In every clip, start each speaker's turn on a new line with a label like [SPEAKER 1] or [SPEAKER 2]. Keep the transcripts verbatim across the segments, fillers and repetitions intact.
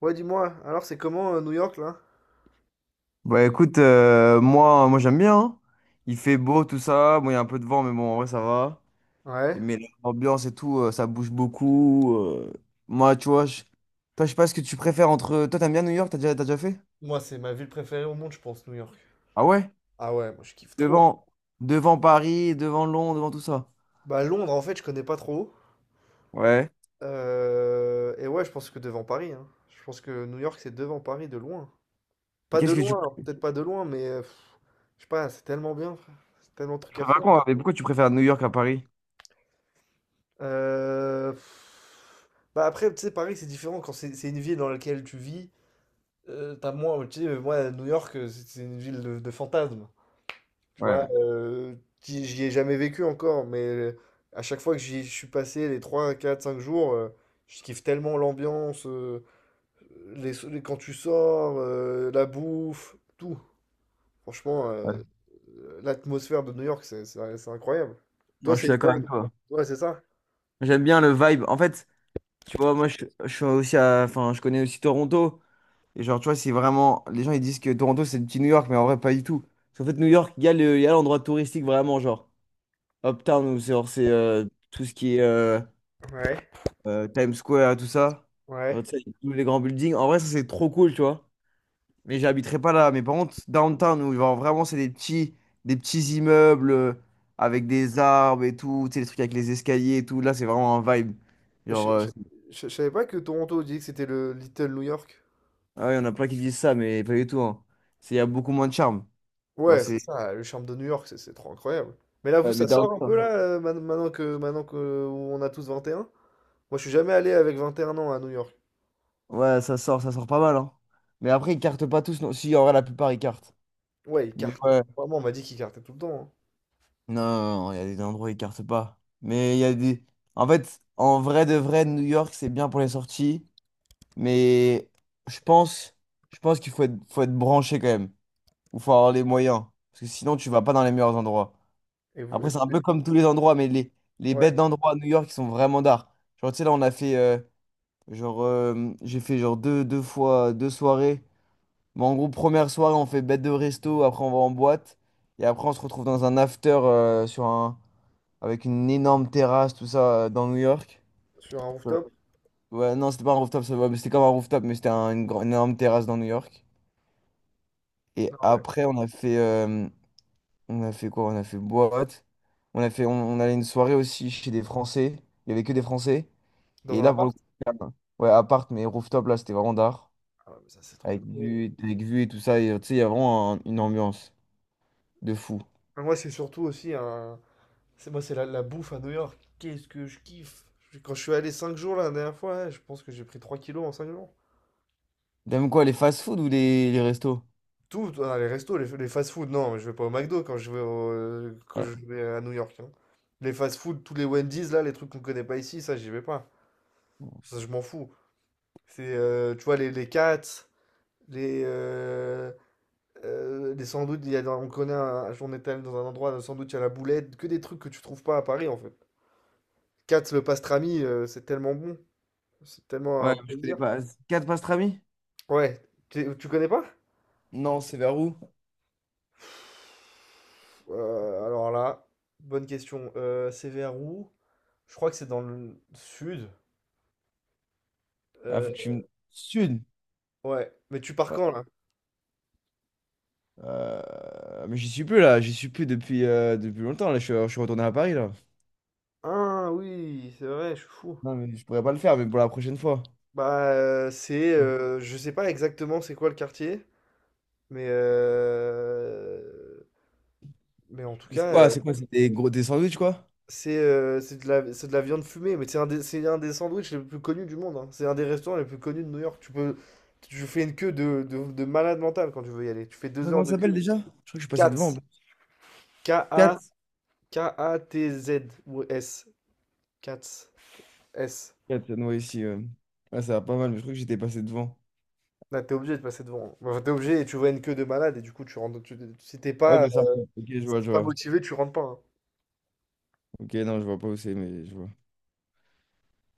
[SPEAKER 1] Ouais, dis-moi, alors c'est comment euh, New York là?
[SPEAKER 2] Bah écoute, euh, moi, moi j'aime bien, hein. Il fait beau, tout ça. Bon, il y a un peu de vent, mais bon, en vrai, ça va.
[SPEAKER 1] Ouais.
[SPEAKER 2] Mais l'ambiance et tout, euh, ça bouge beaucoup. euh. Moi, tu vois, je... Toi, je sais pas ce que tu préfères entre. Toi, t'aimes bien New York? T'as déjà, t'as déjà fait?
[SPEAKER 1] Moi, c'est ma ville préférée au monde, je pense, New York.
[SPEAKER 2] Ah ouais?
[SPEAKER 1] Ah ouais, moi je kiffe trop.
[SPEAKER 2] Devant, devant Paris, devant Londres, devant tout ça.
[SPEAKER 1] Bah Londres en fait, je connais pas trop.
[SPEAKER 2] Ouais.
[SPEAKER 1] Euh, Et ouais, je pense que devant Paris, hein. Je pense que New York c'est devant Paris de loin.
[SPEAKER 2] Et
[SPEAKER 1] Pas de
[SPEAKER 2] qu'est-ce que tu
[SPEAKER 1] loin, peut-être pas de loin, mais euh, pff, je sais pas, c'est tellement bien, frère. C'est tellement de trucs à
[SPEAKER 2] préfères à
[SPEAKER 1] faire.
[SPEAKER 2] quoi? Mais pourquoi tu préfères New York à Paris?
[SPEAKER 1] Euh, pff, Bah après, tu sais, Paris c'est différent quand c'est c'est une ville dans laquelle tu vis. euh, t'as moins, tu sais, moi New York euh, c'est c'est une ville de, de fantasmes. Tu vois,
[SPEAKER 2] Ouais.
[SPEAKER 1] euh, j'y j'y ai jamais vécu encore, mais euh, à chaque fois que j'y je suis passé les trois quatre cinq jours, euh, je kiffe tellement l'ambiance, euh, les, so-, les- quand tu sors, euh, la bouffe, tout. Franchement,
[SPEAKER 2] Ouais.
[SPEAKER 1] euh, l'atmosphère de New York, c'est c'est- c'est incroyable. Toi,
[SPEAKER 2] Non, je suis
[SPEAKER 1] c'est
[SPEAKER 2] d'accord
[SPEAKER 1] toi,
[SPEAKER 2] avec toi.
[SPEAKER 1] toi, c'est ça?
[SPEAKER 2] J'aime bien le vibe. En fait, tu vois, moi, je, je suis aussi à... Enfin, je connais aussi Toronto. Et genre, tu vois, c'est vraiment. Les gens, ils disent que Toronto, c'est le petit New York, mais en vrai, pas du tout. Parce qu'en fait, New York, il y a le... il y a l'endroit touristique vraiment, genre. Uptown, où c'est genre, c'est, euh, tout ce qui est euh,
[SPEAKER 1] Ouais.
[SPEAKER 2] euh, Times Square, tout ça. Genre,
[SPEAKER 1] Ouais.
[SPEAKER 2] tu sais, tous les grands buildings. En vrai, ça, c'est trop cool, tu vois. Mais j'habiterai pas là. Mais par contre, downtown, où genre, vraiment, c'est des petits... des petits immeubles euh, avec des arbres et tout. Tu sais, les trucs avec les escaliers et tout. Là, c'est vraiment un vibe.
[SPEAKER 1] Je, je,
[SPEAKER 2] Genre, euh,
[SPEAKER 1] je- je savais pas que Toronto disait que c'était le Little New York.
[SPEAKER 2] ah ouais, on a plein qui disent ça, mais pas du tout, hein. C'est... Il y a beaucoup moins de charme. Genre,
[SPEAKER 1] Ouais, c'est
[SPEAKER 2] c'est.
[SPEAKER 1] ça, le charme de New York, c'est c'est trop incroyable. Mais là, vous,
[SPEAKER 2] Ouais,
[SPEAKER 1] ça
[SPEAKER 2] mais
[SPEAKER 1] sort un peu
[SPEAKER 2] downtown.
[SPEAKER 1] là, euh, man- maintenant que maintenant que on a tous vingt et un. Moi, je suis jamais allé avec vingt et un ans à New York.
[SPEAKER 2] Ouais, ça sort, ça sort pas mal, hein. Mais après, ils cartent pas tous, non. Si, en vrai, la plupart, ils cartent.
[SPEAKER 1] Ouais, il
[SPEAKER 2] Mais
[SPEAKER 1] carte.
[SPEAKER 2] ouais.
[SPEAKER 1] Vraiment, on m'a dit qu'il cartait tout le temps, hein.
[SPEAKER 2] Non, non, non, il y a des endroits où ils cartent pas. Mais il y a des... En fait, en vrai de vrai, New York, c'est bien pour les sorties. Mais je pense, je pense qu'il faut être, faut être branché quand même. Ou faut avoir les moyens. Parce que sinon, tu vas pas dans les meilleurs endroits.
[SPEAKER 1] Et vous,
[SPEAKER 2] Après, c'est un
[SPEAKER 1] et-
[SPEAKER 2] peu
[SPEAKER 1] et-
[SPEAKER 2] comme tous les endroits, mais les, les bêtes
[SPEAKER 1] ouais,
[SPEAKER 2] d'endroits à New York, ils sont vraiment d'art. Genre, tu sais, là, on a fait... euh, genre, euh, j'ai fait genre deux, deux fois, deux soirées. Mais en gros, première soirée, on fait bête de resto, après on va en boîte. Et après, on se retrouve dans un after euh, sur un... avec une énorme terrasse, tout ça, euh, dans New York.
[SPEAKER 1] sur un
[SPEAKER 2] Ouais.
[SPEAKER 1] rooftop?
[SPEAKER 2] Ouais, non, c'était pas un rooftop, ça va, mais c'était comme un rooftop, mais c'était un- une, grande- une énorme terrasse dans New York. Et
[SPEAKER 1] Non, ouais.
[SPEAKER 2] après, on a fait, euh, on a fait quoi? On a fait boîte. On a fait, on, on allait une soirée aussi chez des Français. Il y avait que des Français.
[SPEAKER 1] Dans
[SPEAKER 2] Et
[SPEAKER 1] un
[SPEAKER 2] là, pour
[SPEAKER 1] appart?
[SPEAKER 2] le coup, euh, ouais, appart, mais rooftop, là, c'était vraiment d'art.
[SPEAKER 1] Ah ouais, mais ça, c'est trop une
[SPEAKER 2] Avec
[SPEAKER 1] dinguerie.
[SPEAKER 2] vue, avec vue et tout ça. Et, euh, tu sais, il y a vraiment un- une ambiance de fou.
[SPEAKER 1] Moi, c'est surtout aussi un. C'est moi, c'est la, la bouffe à New York. Qu'est-ce que je kiffe! Je- Quand je suis allé cinq jours là, la dernière fois, hein, je pense que j'ai pris trois kilos en cinq jours.
[SPEAKER 2] T'aimes quoi, les fast-food ou les, les restos?
[SPEAKER 1] Tout, ah, les restos, les, les fast-food, non, je vais pas au McDo quand je vais, au- quand
[SPEAKER 2] Ouais.
[SPEAKER 1] je vais à New York, hein. Les fast-food, tous les Wendy's, là, les trucs qu'on connaît pas ici, ça, j'y vais pas. Ça, je m'en fous. C'est, euh, tu vois, les, les Cats, les, euh, euh, les sandwichs, il y a, dans- on connaît, un, on est allé dans un endroit, un sandwich à la boulette, que des trucs que tu trouves pas à Paris, en fait. Cats, le pastrami, euh, c'est tellement bon, c'est tellement
[SPEAKER 2] Ouais,
[SPEAKER 1] un
[SPEAKER 2] je connais
[SPEAKER 1] plaisir.
[SPEAKER 2] pas. Quatre pastrami?
[SPEAKER 1] Ouais, tu, tu connais pas?
[SPEAKER 2] Non, c'est vers où?
[SPEAKER 1] Euh, alors là, bonne question. Euh, c'est vers où? Je crois que c'est dans le sud.
[SPEAKER 2] Ah, faut
[SPEAKER 1] Euh,
[SPEAKER 2] que tu me... Sud.
[SPEAKER 1] ouais. Mais tu pars
[SPEAKER 2] Ouais.
[SPEAKER 1] quand là?
[SPEAKER 2] Euh, mais j'y suis plus là, j'y suis plus depuis, euh, depuis longtemps. Là, je suis, je suis retourné à Paris là.
[SPEAKER 1] Ah oui, c'est vrai, je suis fou.
[SPEAKER 2] Non, mais je pourrais pas le faire, mais pour la prochaine fois.
[SPEAKER 1] Bah euh, c'est
[SPEAKER 2] Non.
[SPEAKER 1] euh, je sais pas exactement c'est quoi le quartier, mais euh, mais en tout
[SPEAKER 2] Mais c'est
[SPEAKER 1] cas
[SPEAKER 2] quoi?
[SPEAKER 1] euh,
[SPEAKER 2] C'est quoi? C'est des gros des sandwichs quoi?
[SPEAKER 1] c'est euh, c'est de la c'est de la viande fumée, mais c'est un des c'est un des sandwichs les plus connus du monde, hein. C'est un des restaurants les plus connus de New York. Tu peux tu fais une queue de, de, de malade mental quand tu veux y aller. Tu fais
[SPEAKER 2] Ça,
[SPEAKER 1] deux heures
[SPEAKER 2] comment ça
[SPEAKER 1] de
[SPEAKER 2] s'appelle
[SPEAKER 1] queue.
[SPEAKER 2] déjà? Je crois que je suis passé devant.
[SPEAKER 1] Katz. K-A,
[SPEAKER 2] Quatre
[SPEAKER 1] K-A-T-Z ou S. Katz. S.
[SPEAKER 2] quatre ouais, ici, ouais. Ouais, ça va pas mal, mais je crois que j'étais passé devant.
[SPEAKER 1] Là, tu obligé de passer devant. Enfin, tu obligé et tu vois une queue de malade et du coup, tu rentres. Tu, si t'es
[SPEAKER 2] Ah, ouais,
[SPEAKER 1] pas, euh,
[SPEAKER 2] mais ça. Ok, je
[SPEAKER 1] Si
[SPEAKER 2] vois,
[SPEAKER 1] t'es
[SPEAKER 2] je
[SPEAKER 1] pas
[SPEAKER 2] vois.
[SPEAKER 1] motivé, tu rentres pas, hein.
[SPEAKER 2] Ok, non, je vois pas où c'est, mais je vois.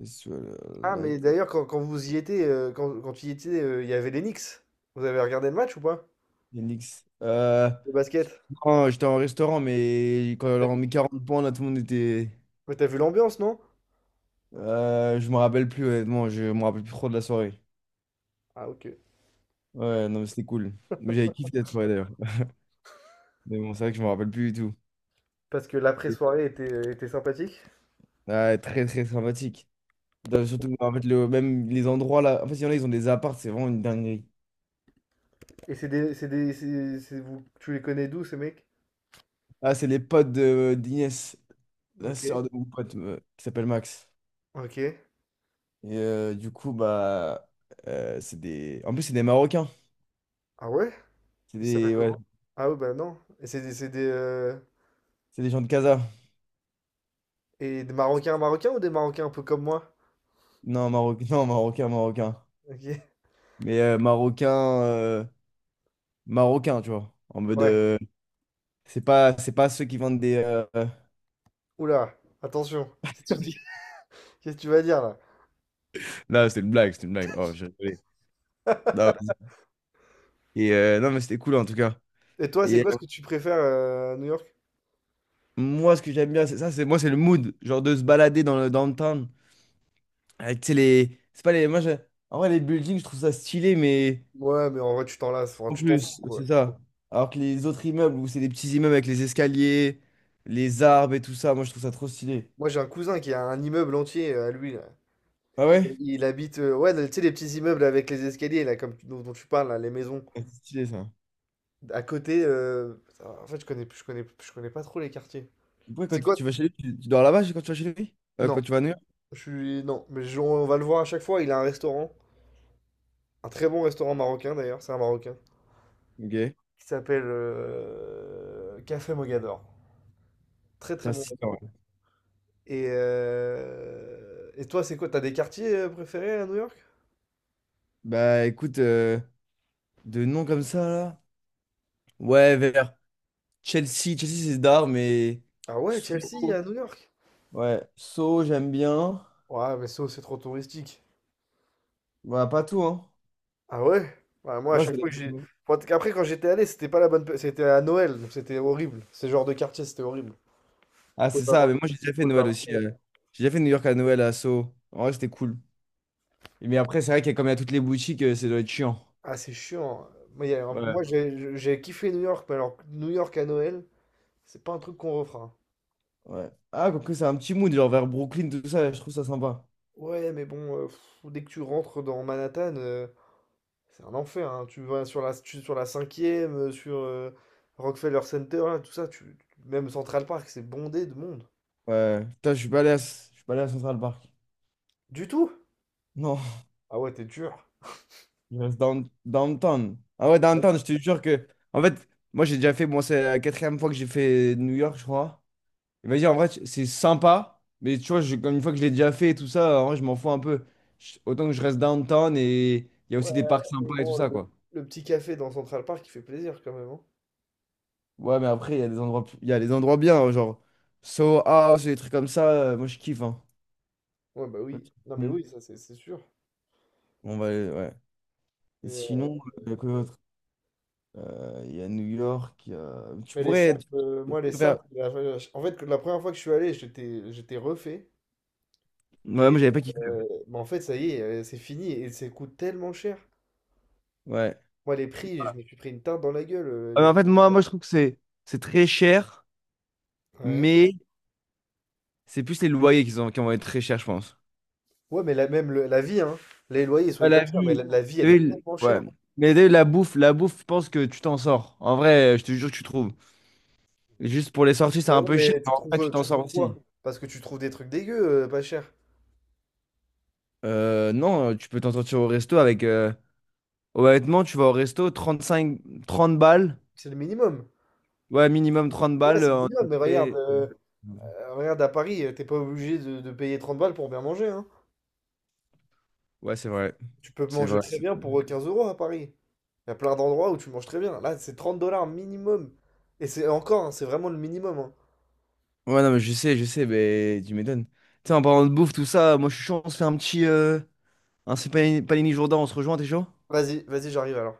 [SPEAKER 2] Visual
[SPEAKER 1] Ah, mais
[SPEAKER 2] Light.
[SPEAKER 1] d'ailleurs, quand, quand vous y étiez, euh, quand, quand tu y étais, euh, il y avait les Knicks. Vous avez regardé le match ou pas?
[SPEAKER 2] Yandex. Euh,
[SPEAKER 1] Le basket?
[SPEAKER 2] non, j'étais en restaurant, mais quand on
[SPEAKER 1] T'as
[SPEAKER 2] leur a
[SPEAKER 1] vu
[SPEAKER 2] mis quarante points, là, tout le monde était.
[SPEAKER 1] Mais t'as vu l'ambiance, non?
[SPEAKER 2] Euh, je me rappelle plus, honnêtement, je me rappelle plus trop de la soirée.
[SPEAKER 1] Ah, ok.
[SPEAKER 2] Ouais, non, mais c'était cool. Mais j'avais kiffé cette soirée d'ailleurs. Mais bon, c'est vrai que je me rappelle plus du tout.
[SPEAKER 1] Parce que l'après-soirée était, euh, était sympathique.
[SPEAKER 2] Ouais, très, très sympathique. Putain, surtout, en fait, le, même les endroits là. En fait, il y en a, ils ont des apparts, c'est vraiment une dinguerie.
[SPEAKER 1] Et c'est des, c'est des, c'est, c'est vous, tu les connais d'où, ces mecs?
[SPEAKER 2] Ah, c'est les potes de euh, d'Inès, la
[SPEAKER 1] Ok.
[SPEAKER 2] sœur de mon pote, euh, qui s'appelle Max.
[SPEAKER 1] Ok.
[SPEAKER 2] Et euh, du coup, bah. euh, c'est des. En plus, c'est des Marocains.
[SPEAKER 1] Ah ouais?
[SPEAKER 2] C'est
[SPEAKER 1] Ils s'appellent
[SPEAKER 2] des. Ouais,
[SPEAKER 1] comment? Ah ouais, bah non. Et c'est des, c'est des, euh,
[SPEAKER 2] c'est des gens de Casa.
[SPEAKER 1] et des Marocains Marocains ou des Marocains un peu comme moi?
[SPEAKER 2] Non, Maroc... non, Marocain, Marocain.
[SPEAKER 1] Ok.
[SPEAKER 2] Mais euh, Marocain, euh, Marocain, tu vois. En mode,
[SPEAKER 1] Ouais.
[SPEAKER 2] euh, c'est pas, c'est pas ceux qui vendent des. euh, euh,
[SPEAKER 1] Oula, attention. Qu'est-ce que tu dis, qu'est-ce que tu vas dire là?
[SPEAKER 2] Non, c'était une blague, c'était une blague. Oh, j'ai rigolé. Non, vas-y. Et, euh, non, mais c'était cool en tout cas.
[SPEAKER 1] Et toi, c'est
[SPEAKER 2] Et
[SPEAKER 1] quoi
[SPEAKER 2] euh,
[SPEAKER 1] ce, ouais, que tu préfères euh, à New York?
[SPEAKER 2] moi, ce que j'aime bien, c'est ça, c'est moi, c'est le mood. Genre de se balader dans le downtown. Avec, tu sais, les. C'est pas les. Moi, j'ai- en vrai, les buildings, je trouve ça stylé, mais.
[SPEAKER 1] Ouais, mais en vrai, tu t'en lasses, enfin,
[SPEAKER 2] En
[SPEAKER 1] tu t'en fous
[SPEAKER 2] plus,
[SPEAKER 1] quoi.
[SPEAKER 2] c'est ça. Alors que les autres immeubles, où c'est des petits immeubles avec les escaliers, les arbres et tout ça, moi, je trouve ça trop stylé.
[SPEAKER 1] Moi, j'ai un cousin qui a un immeuble entier euh, à lui là.
[SPEAKER 2] Ah
[SPEAKER 1] Il,
[SPEAKER 2] ouais?
[SPEAKER 1] il habite, euh, ouais, tu sais, les petits immeubles avec les escaliers là, comme, dont, dont tu parles là, les maisons.
[SPEAKER 2] Ouais, c'est stylé ça.
[SPEAKER 1] À côté, euh, en fait, je connais, je connais, je connais pas trop les quartiers.
[SPEAKER 2] Pourquoi
[SPEAKER 1] C'est
[SPEAKER 2] quand
[SPEAKER 1] quoi?
[SPEAKER 2] tu vas chez lui, tu, tu dors là-bas quand tu vas chez lui? Euh,
[SPEAKER 1] Non,
[SPEAKER 2] quand tu vas à New York?
[SPEAKER 1] je suis, non, mais je- on va le voir à chaque fois. Il a un restaurant, un très bon restaurant marocain d'ailleurs, c'est un marocain,
[SPEAKER 2] Ok.
[SPEAKER 1] qui s'appelle euh, Café Mogador. Très très
[SPEAKER 2] Putain,
[SPEAKER 1] bon
[SPEAKER 2] si, en
[SPEAKER 1] restaurant.
[SPEAKER 2] vrai.
[SPEAKER 1] Et, euh, et toi, c'est quoi? T'as des quartiers euh, préférés à New York?
[SPEAKER 2] Bah écoute, euh, de noms comme ça là. Ouais, vers Chelsea. Chelsea, c'est d'art, mais.
[SPEAKER 1] Ah ouais, Chelsea à
[SPEAKER 2] Soho.
[SPEAKER 1] New York?
[SPEAKER 2] Ouais, Soho, j'aime bien.
[SPEAKER 1] Ouais, mais ça, c'est trop touristique.
[SPEAKER 2] Bah, pas tout, hein.
[SPEAKER 1] Ah ouais? Ouais, moi, à
[SPEAKER 2] Ouais, ça
[SPEAKER 1] chaque fois que j'ai.
[SPEAKER 2] dépend.
[SPEAKER 1] Moi, t- après, quand j'étais allé, c'était pas la bonne. pe- C'était à Noël, donc c'était horrible. Ce genre de quartier, c'était horrible. Tu
[SPEAKER 2] Ah,
[SPEAKER 1] pouvais
[SPEAKER 2] c'est
[SPEAKER 1] pas
[SPEAKER 2] ça, mais
[SPEAKER 1] marcher.
[SPEAKER 2] moi j'ai déjà
[SPEAKER 1] Tu
[SPEAKER 2] fait
[SPEAKER 1] pouvais pas
[SPEAKER 2] Noël
[SPEAKER 1] marcher.
[SPEAKER 2] aussi. euh. J'ai déjà fait New York à Noël à Soho. En vrai, c'était cool. Mais après, c'est vrai qu'il y a comme il y a toutes les boutiques, euh, ça doit être chiant.
[SPEAKER 1] Ah, c'est chiant. Moi, il y a un-
[SPEAKER 2] Ouais.
[SPEAKER 1] moi, j'ai j'ai kiffé New York, mais alors New York à Noël, c'est pas un truc qu'on refera.
[SPEAKER 2] Ouais. Ah, quoique c'est un petit mood, genre vers Brooklyn, tout ça, je trouve ça sympa.
[SPEAKER 1] Ouais, mais bon, euh, pff, dès que tu rentres dans Manhattan. euh, C'est un enfer, hein. Tu vas sur la, tu- sur la cinquième euh, sur euh, Rockefeller Center, là, tout ça, tu, même Central Park, c'est bondé de monde.
[SPEAKER 2] Ouais. Putain, je suis pas allé à, je suis pas allé à Central Park.
[SPEAKER 1] Du tout?
[SPEAKER 2] Non,
[SPEAKER 1] Ah ouais, t'es dur.
[SPEAKER 2] je reste down- downtown. Ah ouais, downtown, je te jure que. En fait, moi, j'ai déjà fait. Bon c'est la quatrième fois que j'ai fait New York, je crois. Et vas-y, en vrai, c'est sympa. Mais tu vois, je- comme une fois que je l'ai déjà fait et tout ça, en vrai, je m'en fous un peu. Je- Autant que je reste downtown et il y a
[SPEAKER 1] Ouais,
[SPEAKER 2] aussi des parcs
[SPEAKER 1] mais
[SPEAKER 2] sympas et tout
[SPEAKER 1] bon,
[SPEAKER 2] ça,
[SPEAKER 1] le,
[SPEAKER 2] quoi.
[SPEAKER 1] le petit café dans Central Park, il fait plaisir quand même, hein.
[SPEAKER 2] Ouais, mais après, il y a des endroits, plus- il y a des endroits bien, hein, genre Soho House et des trucs comme ça. euh, Moi, je kiffe, hein.
[SPEAKER 1] Ouais, bah
[SPEAKER 2] Pas de
[SPEAKER 1] oui. Non, mais
[SPEAKER 2] soucis.
[SPEAKER 1] oui, ça, c'est c'est sûr.
[SPEAKER 2] On va, aller- ouais. Et
[SPEAKER 1] Mais, euh,
[SPEAKER 2] sinon, euh, quoi d'autre. Euh, Il y a New York. Il y a- Tu
[SPEAKER 1] mais les
[SPEAKER 2] pourrais.
[SPEAKER 1] sapes, euh,
[SPEAKER 2] Tu
[SPEAKER 1] moi, les
[SPEAKER 2] peux faire-
[SPEAKER 1] sapes, la- en fait, la première fois que je suis allé, j'étais, j'étais refait.
[SPEAKER 2] Ouais, moi,
[SPEAKER 1] Et
[SPEAKER 2] j'avais pas kiffé.
[SPEAKER 1] euh, bah, en fait, ça y est, euh, c'est fini. Et ça coûte tellement cher.
[SPEAKER 2] Ouais.
[SPEAKER 1] Moi, les prix, je me suis pris une tarte dans la gueule. euh,
[SPEAKER 2] Ah, mais
[SPEAKER 1] les-
[SPEAKER 2] en fait, moi, moi, je trouve que c'est c'est très cher,
[SPEAKER 1] Ouais.
[SPEAKER 2] mais c'est plus les loyers qui sont, qui vont être très chers, je pense.
[SPEAKER 1] Ouais, mais la, même le- la vie, hein. Les loyers, ils sont
[SPEAKER 2] Ouais, la
[SPEAKER 1] hyper chers, mais
[SPEAKER 2] vie.
[SPEAKER 1] la, la vie,
[SPEAKER 2] T'as
[SPEAKER 1] elle
[SPEAKER 2] vu
[SPEAKER 1] est
[SPEAKER 2] le-
[SPEAKER 1] tellement
[SPEAKER 2] Ouais.
[SPEAKER 1] chère.
[SPEAKER 2] Mais t'as vu, la bouffe, la bouffe, je pense que tu t'en sors. En vrai, je te jure que tu trouves. Juste pour les sorties, c'est
[SPEAKER 1] Bah
[SPEAKER 2] un
[SPEAKER 1] ouais,
[SPEAKER 2] peu cher,
[SPEAKER 1] mais
[SPEAKER 2] mais
[SPEAKER 1] tu
[SPEAKER 2] en vrai,
[SPEAKER 1] trouves,
[SPEAKER 2] tu
[SPEAKER 1] euh,
[SPEAKER 2] t'en
[SPEAKER 1] tu trouves
[SPEAKER 2] sors
[SPEAKER 1] quoi?
[SPEAKER 2] aussi.
[SPEAKER 1] Parce que tu trouves des trucs dégueux, euh, pas cher.
[SPEAKER 2] Euh, non, tu peux t'en sortir au resto avec. euh, Honnêtement, tu vas au resto, trente cinq trente balles.
[SPEAKER 1] C'est le minimum.
[SPEAKER 2] Ouais, minimum trente
[SPEAKER 1] Ouais,
[SPEAKER 2] balles.
[SPEAKER 1] c'est
[SPEAKER 2] euh,
[SPEAKER 1] le
[SPEAKER 2] en
[SPEAKER 1] minimum, mais regarde,
[SPEAKER 2] entrée.
[SPEAKER 1] euh, euh, regarde à Paris, euh, t'es pas obligé de, de payer trente balles pour bien manger, hein.
[SPEAKER 2] Ouais, c'est vrai.
[SPEAKER 1] Tu peux
[SPEAKER 2] C'est
[SPEAKER 1] manger
[SPEAKER 2] vrai,
[SPEAKER 1] très
[SPEAKER 2] c'est
[SPEAKER 1] bien
[SPEAKER 2] vrai.
[SPEAKER 1] pour euh, quinze euros à Paris. Il y a plein d'endroits où tu manges très bien. Là, c'est trente dollars minimum. Et c'est encore, hein, c'est vraiment le minimum, hein.
[SPEAKER 2] Ouais, non, mais je sais, je sais, mais tu m'étonnes. Tu sais, en parlant de bouffe, tout ça, moi je suis chaud, on se fait un petit. Euh, un c'est panini, panini Jourdain, on se rejoint, t'es chaud?
[SPEAKER 1] Vas-y, vas-y, j'arrive alors.